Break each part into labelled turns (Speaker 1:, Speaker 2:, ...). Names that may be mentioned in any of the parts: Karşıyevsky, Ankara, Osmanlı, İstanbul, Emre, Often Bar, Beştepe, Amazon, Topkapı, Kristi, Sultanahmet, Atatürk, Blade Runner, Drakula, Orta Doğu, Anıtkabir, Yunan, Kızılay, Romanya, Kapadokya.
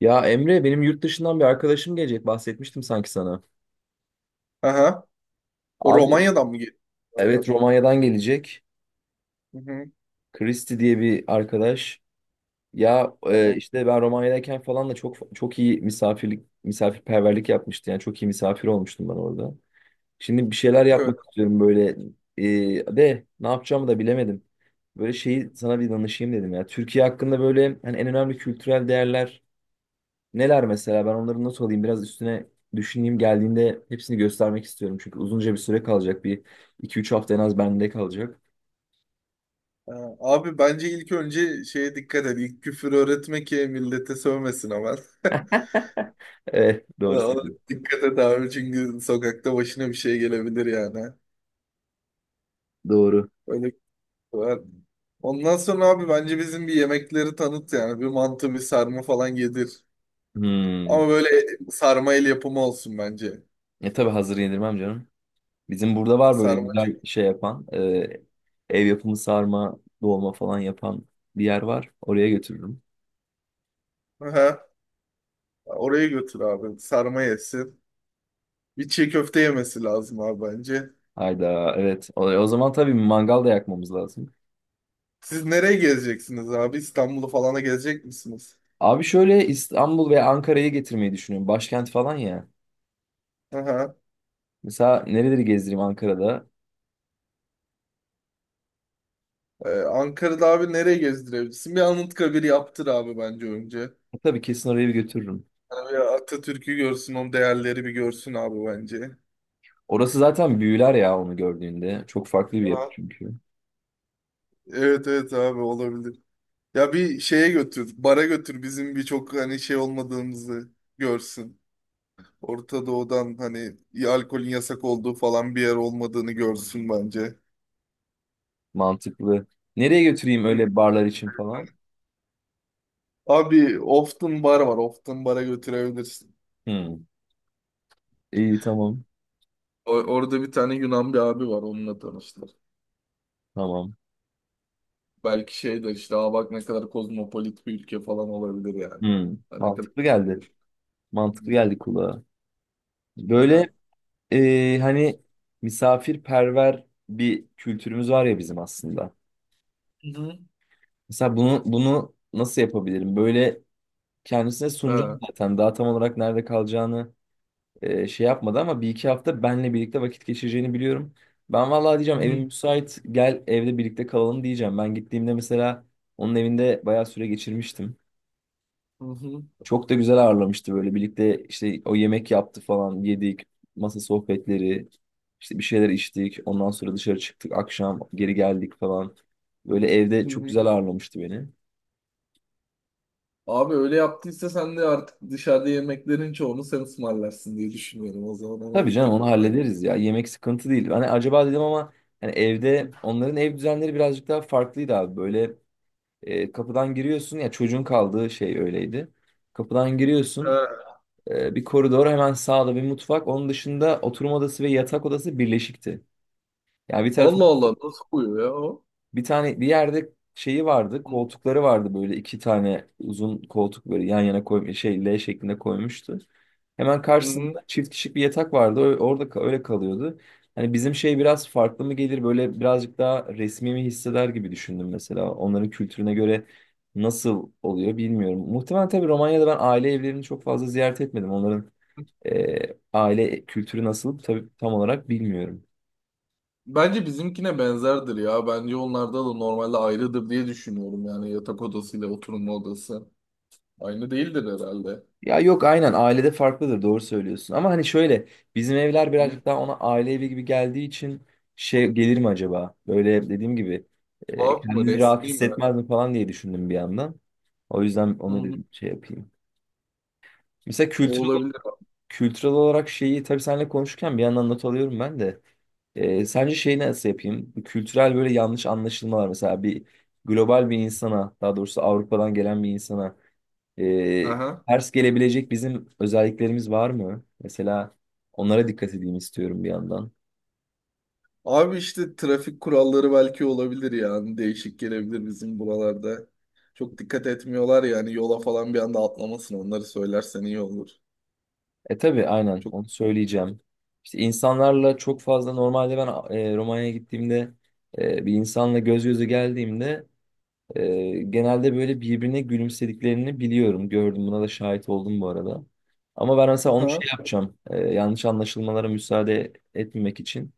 Speaker 1: Ya Emre, benim yurt dışından bir arkadaşım gelecek, bahsetmiştim sanki sana.
Speaker 2: Aha. O
Speaker 1: Abi
Speaker 2: Romanya'dan mı geliyor
Speaker 1: evet,
Speaker 2: abi?
Speaker 1: Romanya'dan gelecek.
Speaker 2: Hı hı.
Speaker 1: Kristi diye bir arkadaş. Ya
Speaker 2: Tamam.
Speaker 1: işte ben Romanya'dayken falan da çok çok iyi misafirperverlik yapmıştı. Yani çok iyi misafir olmuştum ben orada. Şimdi bir şeyler
Speaker 2: Evet.
Speaker 1: yapmak istiyorum böyle, e, de ne yapacağımı da bilemedim. Böyle şeyi sana bir danışayım dedim ya. Türkiye hakkında böyle hani en önemli kültürel değerler neler mesela, ben onları not alayım, biraz üstüne düşüneyim, geldiğinde hepsini göstermek istiyorum. Çünkü uzunca bir süre kalacak, bir iki üç hafta en az bende kalacak.
Speaker 2: Ha, abi bence ilk önce şeye dikkat et. İlk küfür öğretme ki millete sövmesin hemen.
Speaker 1: Evet, doğru
Speaker 2: Ona
Speaker 1: söylüyorsun.
Speaker 2: dikkat et abi, çünkü sokakta başına bir şey gelebilir yani.
Speaker 1: Doğru.
Speaker 2: Öyle var. Ondan sonra abi bence bizim bir yemekleri tanıt yani. Bir mantı, bir sarma falan yedir.
Speaker 1: Hmm.
Speaker 2: Ama böyle sarma el yapımı olsun bence.
Speaker 1: Tabii hazır yedirmem canım. Bizim burada var böyle
Speaker 2: Sarma
Speaker 1: güzel
Speaker 2: çünkü.
Speaker 1: şey yapan, ev yapımı sarma dolma falan yapan bir yer var. Oraya götürürüm.
Speaker 2: Aha. Oraya götür abi. Sarma yesin. Bir çiğ köfte yemesi lazım abi bence.
Speaker 1: Hayda, evet, o zaman tabii mangal da yakmamız lazım.
Speaker 2: Siz nereye gezeceksiniz abi? İstanbul'u falana gezecek misiniz?
Speaker 1: Abi şöyle, İstanbul veya Ankara'yı getirmeyi düşünüyorum. Başkent falan ya.
Speaker 2: Aha.
Speaker 1: Mesela nereleri gezdireyim Ankara'da?
Speaker 2: Ankara'da abi nereye gezdirebilirsin? Bir Anıtkabir yaptır abi bence önce.
Speaker 1: Tabii, kesin oraya bir götürürüm.
Speaker 2: Yani Atatürk'ü görsün, onun değerleri bir görsün abi bence.
Speaker 1: Orası zaten büyüler ya onu gördüğünde. Çok farklı bir yapı
Speaker 2: Aha.
Speaker 1: çünkü.
Speaker 2: Evet evet abi olabilir. Ya bir şeye götür, bara götür, bizim birçok hani şey olmadığımızı görsün. Orta Doğu'dan hani ya alkolün yasak olduğu falan bir yer olmadığını görsün bence.
Speaker 1: Mantıklı. Nereye götüreyim
Speaker 2: Hı.
Speaker 1: öyle barlar için falan?
Speaker 2: Abi Often Bar var. Often Bar'a götürebilirsin.
Speaker 1: Hmm. İyi, tamam.
Speaker 2: Orada bir tane Yunan bir abi var, onunla tanıştık.
Speaker 1: Tamam.
Speaker 2: Belki şey de işte, aa bak, ne kadar kozmopolit bir ülke falan olabilir yani.
Speaker 1: Hmm.
Speaker 2: Ha, ne kadar...
Speaker 1: Mantıklı geldi. Mantıklı geldi kulağa.
Speaker 2: Ha,
Speaker 1: Böyle hani misafirperver bir kültürümüz var ya bizim aslında.
Speaker 2: hı,
Speaker 1: Mesela bunu nasıl yapabilirim? Böyle kendisine sunacağım
Speaker 2: aha.
Speaker 1: zaten. Daha tam olarak nerede kalacağını şey yapmadı ama bir iki hafta benle birlikte vakit geçireceğini biliyorum. Ben vallahi
Speaker 2: Hı
Speaker 1: diyeceğim, evim
Speaker 2: hı.
Speaker 1: müsait, gel evde birlikte kalalım diyeceğim. Ben gittiğimde mesela onun evinde bayağı süre geçirmiştim.
Speaker 2: Ha, hı hı,
Speaker 1: Çok da güzel ağırlamıştı, böyle birlikte işte o yemek yaptı falan, yedik, masa sohbetleri, işte bir şeyler içtik, ondan sonra dışarı çıktık, akşam geri geldik falan. Böyle evde
Speaker 2: hı hı, hı,
Speaker 1: çok
Speaker 2: hı.
Speaker 1: güzel ağırlamıştı beni.
Speaker 2: Abi öyle yaptıysa sen de artık dışarıda yemeklerin çoğunu sen ısmarlarsın diye düşünüyorum. O zaman ona
Speaker 1: Tabii canım,
Speaker 2: dikkat
Speaker 1: onu
Speaker 2: et bence.
Speaker 1: hallederiz ya, yemek sıkıntı değil. Hani acaba dedim ama, hani evde onların ev düzenleri birazcık daha farklıydı abi böyle. Kapıdan giriyorsun ya, çocuğun kaldığı şey öyleydi. Kapıdan giriyorsun,
Speaker 2: Ha.
Speaker 1: bir koridor, hemen sağda bir mutfak. Onun dışında oturma odası ve yatak odası birleşikti. Yani bir tarafı,
Speaker 2: Allah Allah, nasıl koyuyor ya o?
Speaker 1: bir tane bir yerde şeyi vardı,
Speaker 2: Hı,
Speaker 1: koltukları vardı böyle, iki tane uzun koltuk böyle yan yana koymuş, şey, L şeklinde koymuştu. Hemen
Speaker 2: hı hı.
Speaker 1: karşısında çift kişilik bir yatak vardı. Orada öyle kalıyordu. Hani bizim şey biraz farklı mı gelir böyle, birazcık daha resmi mi hisseder gibi düşündüm mesela. Onların kültürüne göre nasıl oluyor bilmiyorum. Muhtemelen, tabii, Romanya'da ben aile evlerini çok fazla ziyaret etmedim. Onların e, aile kültürü nasıl, tabii, tam olarak bilmiyorum.
Speaker 2: Bence bizimkine benzerdir ya. Bence onlarda da normalde ayrıdır diye düşünüyorum. Yani yatak odasıyla oturma odası. Aynı değildir herhalde.
Speaker 1: Ya yok, aynen, ailede farklıdır, doğru söylüyorsun. Ama hani şöyle, bizim evler
Speaker 2: Hı?
Speaker 1: birazcık daha ona aile evi gibi geldiği için şey gelir mi acaba? Böyle dediğim gibi,
Speaker 2: Tuhaf mı?
Speaker 1: kendini rahat
Speaker 2: Resmi mi?
Speaker 1: hissetmez mi falan diye düşündüm bir yandan. O yüzden
Speaker 2: Hı
Speaker 1: onu
Speaker 2: hı.
Speaker 1: dedim, şey yapayım. Mesela
Speaker 2: O
Speaker 1: kültürel,
Speaker 2: olabilir.
Speaker 1: kültürel olarak şeyi, tabii, seninle konuşurken bir yandan not alıyorum ben de. Sence şeyi nasıl yapayım? Bu kültürel böyle yanlış anlaşılmalar, mesela bir global bir insana, daha doğrusu Avrupa'dan gelen bir insana ee,
Speaker 2: Aha.
Speaker 1: ters gelebilecek bizim özelliklerimiz var mı? Mesela onlara dikkat edeyim istiyorum bir yandan.
Speaker 2: Abi işte trafik kuralları belki olabilir yani. Değişik gelebilir bizim buralarda. Çok dikkat etmiyorlar yani, yola falan bir anda atlamasın. Onları söylersen iyi olur.
Speaker 1: Tabii aynen
Speaker 2: Çok...
Speaker 1: onu söyleyeceğim. İşte insanlarla çok fazla normalde ben Romanya'ya gittiğimde, bir insanla göz göze geldiğimde, genelde böyle birbirine gülümsediklerini biliyorum. Gördüm, buna da şahit oldum bu arada. Ama ben mesela onu
Speaker 2: Aha.
Speaker 1: şey yapacağım. Yanlış anlaşılmalara müsaade etmemek için,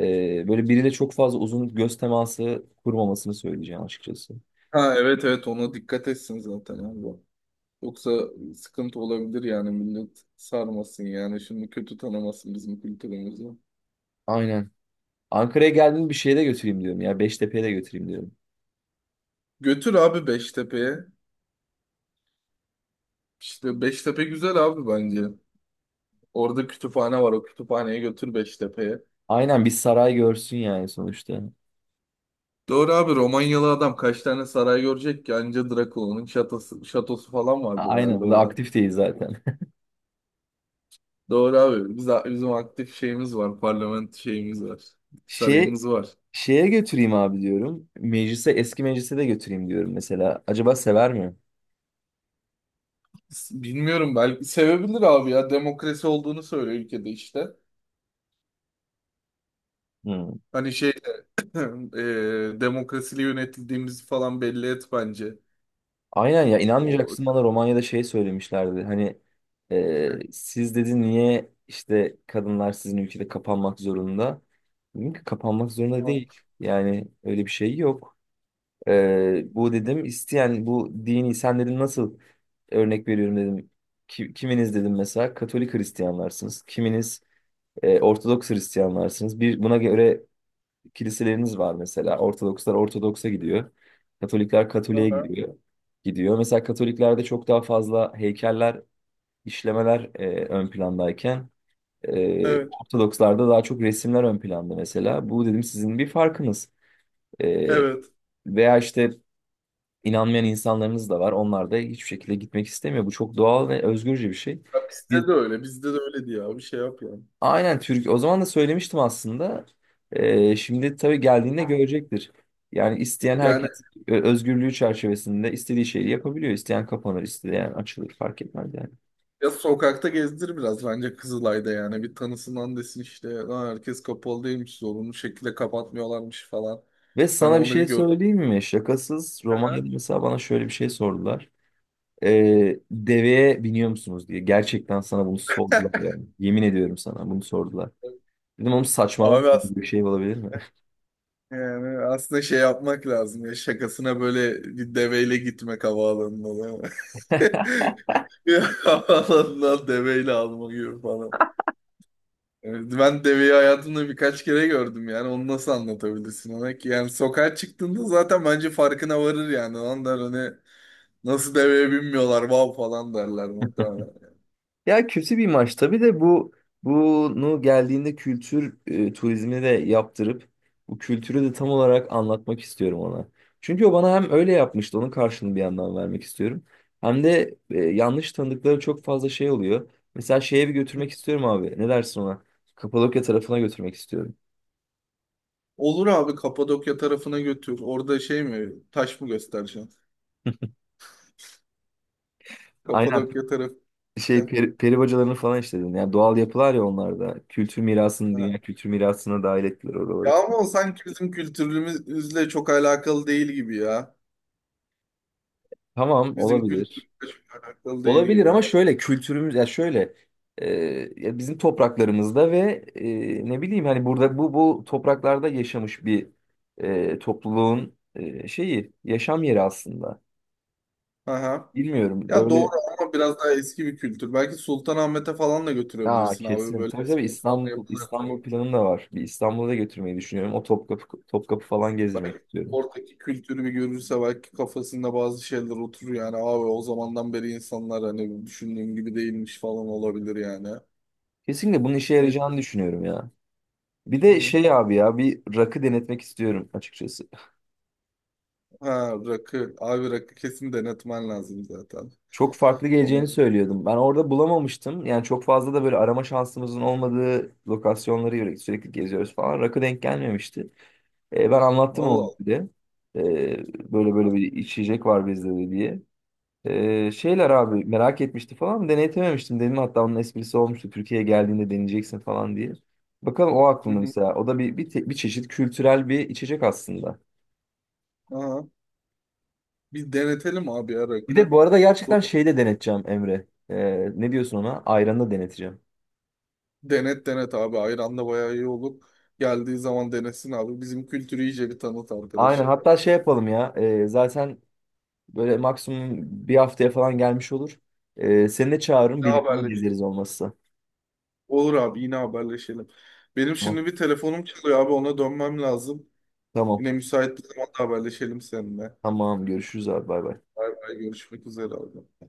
Speaker 1: böyle biriyle çok fazla uzun göz teması kurmamasını söyleyeceğim açıkçası.
Speaker 2: Ha evet evet, ona dikkat etsin zaten abi. Yoksa sıkıntı olabilir yani, millet sarmasın yani. Şimdi kötü tanımasın bizim kültürümüzü.
Speaker 1: Aynen. Ankara'ya geldiğimde bir şeye de götüreyim diyorum ya, Beştepe'ye de götüreyim diyorum.
Speaker 2: Götür abi Beştepe'ye. İşte Beştepe güzel abi bence. Orada kütüphane var. O kütüphaneye götür Beştepe'ye.
Speaker 1: Aynen, bir saray görsün yani sonuçta.
Speaker 2: Doğru abi, Romanyalı adam kaç tane saray görecek ki? Anca Drakula'nın şatosu, şatosu falan vardır
Speaker 1: Aynen.
Speaker 2: herhalde
Speaker 1: Bu da
Speaker 2: orada.
Speaker 1: aktif değil zaten.
Speaker 2: Doğru abi. Bizim aktif şeyimiz var. Parlament şeyimiz var.
Speaker 1: Şey,
Speaker 2: Sarayımız var.
Speaker 1: şeye götüreyim abi diyorum. Eski meclise de götüreyim diyorum mesela. Acaba sever mi?
Speaker 2: Bilmiyorum, belki sevebilir abi ya. Demokrasi olduğunu söylüyor ülkede işte.
Speaker 1: Hı.
Speaker 2: Hani şey demokrasiyle yönetildiğimizi falan belli et bence.
Speaker 1: Aynen ya,
Speaker 2: O...
Speaker 1: inanmayacaksın, bana Romanya'da şey söylemişlerdi. Hani siz, dedi, niye işte kadınlar sizin ülkede kapanmak zorunda? Dedim ki kapanmak zorunda değil. Yani öyle bir şey yok. Bu dedim, isteyen bu dini, sen dedim nasıl, örnek veriyorum dedim. Kiminiz dedim mesela Katolik Hristiyanlarsınız. Kiminiz Ortodoks Hristiyanlarsınız. Bir, buna göre kiliseleriniz var mesela. Ortodokslar Ortodoks'a gidiyor. Katolikler Katolik'e
Speaker 2: Aha,
Speaker 1: gidiyor. Gidiyor. Mesela Katoliklerde çok daha fazla heykeller, işlemeler ön plandayken,
Speaker 2: evet.
Speaker 1: Ortodokslarda daha çok resimler ön planda mesela. Bu dedim sizin bir farkınız. E,
Speaker 2: Evet.
Speaker 1: veya işte inanmayan insanlarınız da var. Onlar da hiçbir şekilde gitmek istemiyor. Bu çok doğal ve özgürce bir şey.
Speaker 2: Ya
Speaker 1: Biz
Speaker 2: bizde de öyle. Bizde de öyle diye abi şey yap yani.
Speaker 1: aynen Türk. O zaman da söylemiştim aslında. Şimdi tabii geldiğinde görecektir. Yani isteyen
Speaker 2: Yani,
Speaker 1: herkes özgürlüğü çerçevesinde istediği şeyi yapabiliyor. İsteyen kapanır, isteyen açılır, fark etmez yani.
Speaker 2: ya sokakta gezdir biraz bence Kızılay'da yani. Bir tanısından desin işte. Lan herkes kapalı değilmiş. Zorunlu şekilde kapatmıyorlarmış falan.
Speaker 1: Ve
Speaker 2: Hani
Speaker 1: sana bir
Speaker 2: onu bir
Speaker 1: şey
Speaker 2: gör.
Speaker 1: söyleyeyim mi? Şakasız,
Speaker 2: Aha.
Speaker 1: Romanya'da mesela bana şöyle bir şey sordular. Deveye biniyor musunuz diye. Gerçekten sana bunu sordular yani. Yemin ediyorum, sana bunu sordular. Dedim oğlum saçmalama,
Speaker 2: Abi aslında,
Speaker 1: bir şey olabilir mi?
Speaker 2: yani aslında şey yapmak lazım ya. Şakasına böyle bir deveyle gitmek havaalanına, değil mi? Bir havaalanından deveyle alma gibi falan. Evet, ben deveyi hayatımda birkaç kere gördüm yani, onu nasıl anlatabilirsin ona ki? Yani sokağa çıktığında zaten bence farkına varır yani. Ondan hani nasıl deveye binmiyorlar, vav falan derler muhtemelen.
Speaker 1: Ya kötü bir maç tabii, de bunu geldiğinde kültür turizmi de yaptırıp bu kültürü de tam olarak anlatmak istiyorum ona. Çünkü o bana hem öyle yapmıştı, onun karşılığını bir yandan vermek istiyorum. Hem de yanlış tanıdıkları çok fazla şey oluyor. Mesela şeye bir götürmek istiyorum abi. Ne dersin ona? Kapadokya tarafına götürmek istiyorum.
Speaker 2: Olur abi, Kapadokya tarafına götür. Orada şey mi, taş mı göstereceksin?
Speaker 1: Aynen,
Speaker 2: Kapadokya tarafı
Speaker 1: şey,
Speaker 2: gideceksin.
Speaker 1: peri bacalarını falan işledin. Yani doğal yapılar ya onlar da. Kültür mirasını,
Speaker 2: Ha.
Speaker 1: dünya kültür mirasına dahil ettiler
Speaker 2: Ya
Speaker 1: oraları.
Speaker 2: ama o sanki bizim kültürümüzle çok alakalı değil gibi ya.
Speaker 1: Tamam,
Speaker 2: Bizim
Speaker 1: olabilir.
Speaker 2: kültürümüzle çok alakalı değil
Speaker 1: Olabilir
Speaker 2: gibi.
Speaker 1: ama şöyle, kültürümüz ya şöyle, e, ya bizim topraklarımızda ve ne bileyim, hani burada bu topraklarda yaşamış bir topluluğun şeyi, yaşam yeri aslında.
Speaker 2: Aha.
Speaker 1: Bilmiyorum
Speaker 2: Ya doğru,
Speaker 1: böyle.
Speaker 2: ama biraz daha eski bir kültür. Belki Sultanahmet'e falan da götürebilirsin abi.
Speaker 1: Kesin.
Speaker 2: Böyle
Speaker 1: Tabii tabii,
Speaker 2: eski Osmanlı
Speaker 1: İstanbul
Speaker 2: yapılarına
Speaker 1: İstanbul planım da var. Bir İstanbul'a da götürmeyi düşünüyorum. O Topkapı falan gezdirmek
Speaker 2: belki
Speaker 1: istiyorum.
Speaker 2: oradaki kültürü bir görürse belki kafasında bazı şeyler oturur yani abi. O zamandan beri insanlar hani düşündüğüm gibi değilmiş falan olabilir yani.
Speaker 1: Kesinlikle bunun işe
Speaker 2: Ne?
Speaker 1: yarayacağını düşünüyorum ya. Bir de
Speaker 2: Hı.
Speaker 1: şey abi, ya bir rakı denetmek istiyorum açıkçası.
Speaker 2: Ha rakı. Abi rakı kesin denetmen lazım zaten.
Speaker 1: Çok farklı
Speaker 2: Onu-
Speaker 1: geleceğini söylüyordum. Ben orada bulamamıştım. Yani çok fazla da böyle arama şansımızın olmadığı lokasyonları sürekli geziyoruz falan. Rakı denk gelmemişti. Ben anlattım
Speaker 2: Allah
Speaker 1: onu
Speaker 2: Allah.
Speaker 1: bir de. Böyle böyle bir içecek var bizde de diye. Şeyler abi merak etmişti falan. Deneytememiştim dedim. Hatta onun esprisi olmuştu. Türkiye'ye geldiğinde deneyeceksin falan diye. Bakalım, o
Speaker 2: Hı
Speaker 1: aklımda
Speaker 2: hı.
Speaker 1: mesela. O da bir çeşit kültürel bir içecek aslında.
Speaker 2: Aha. Bir denetelim abi ya,
Speaker 1: Bir de
Speaker 2: rakı.
Speaker 1: bu arada gerçekten
Speaker 2: Do-
Speaker 1: şeyde deneteceğim Emre. Ne diyorsun ona? Ayranı da deneteceğim.
Speaker 2: Denet denet abi. Ayran da bayağı iyi olur. Geldiği zaman denesin abi. Bizim kültürü iyice bir tanıt
Speaker 1: Aynen.
Speaker 2: arkadaşı.
Speaker 1: Hatta şey yapalım ya. Zaten böyle maksimum bir haftaya falan gelmiş olur. Seni de çağırırım.
Speaker 2: Ne
Speaker 1: Birlikte
Speaker 2: haberle?
Speaker 1: gezeriz olmazsa.
Speaker 2: Olur abi, yine haberleşelim. Benim
Speaker 1: Tamam.
Speaker 2: şimdi bir telefonum çalıyor abi, ona dönmem lazım.
Speaker 1: Tamam.
Speaker 2: Yine müsait bir zamanda haberleşelim seninle.
Speaker 1: Tamam. Görüşürüz abi. Bay bay.
Speaker 2: Bay bay, görüşmek üzere abi.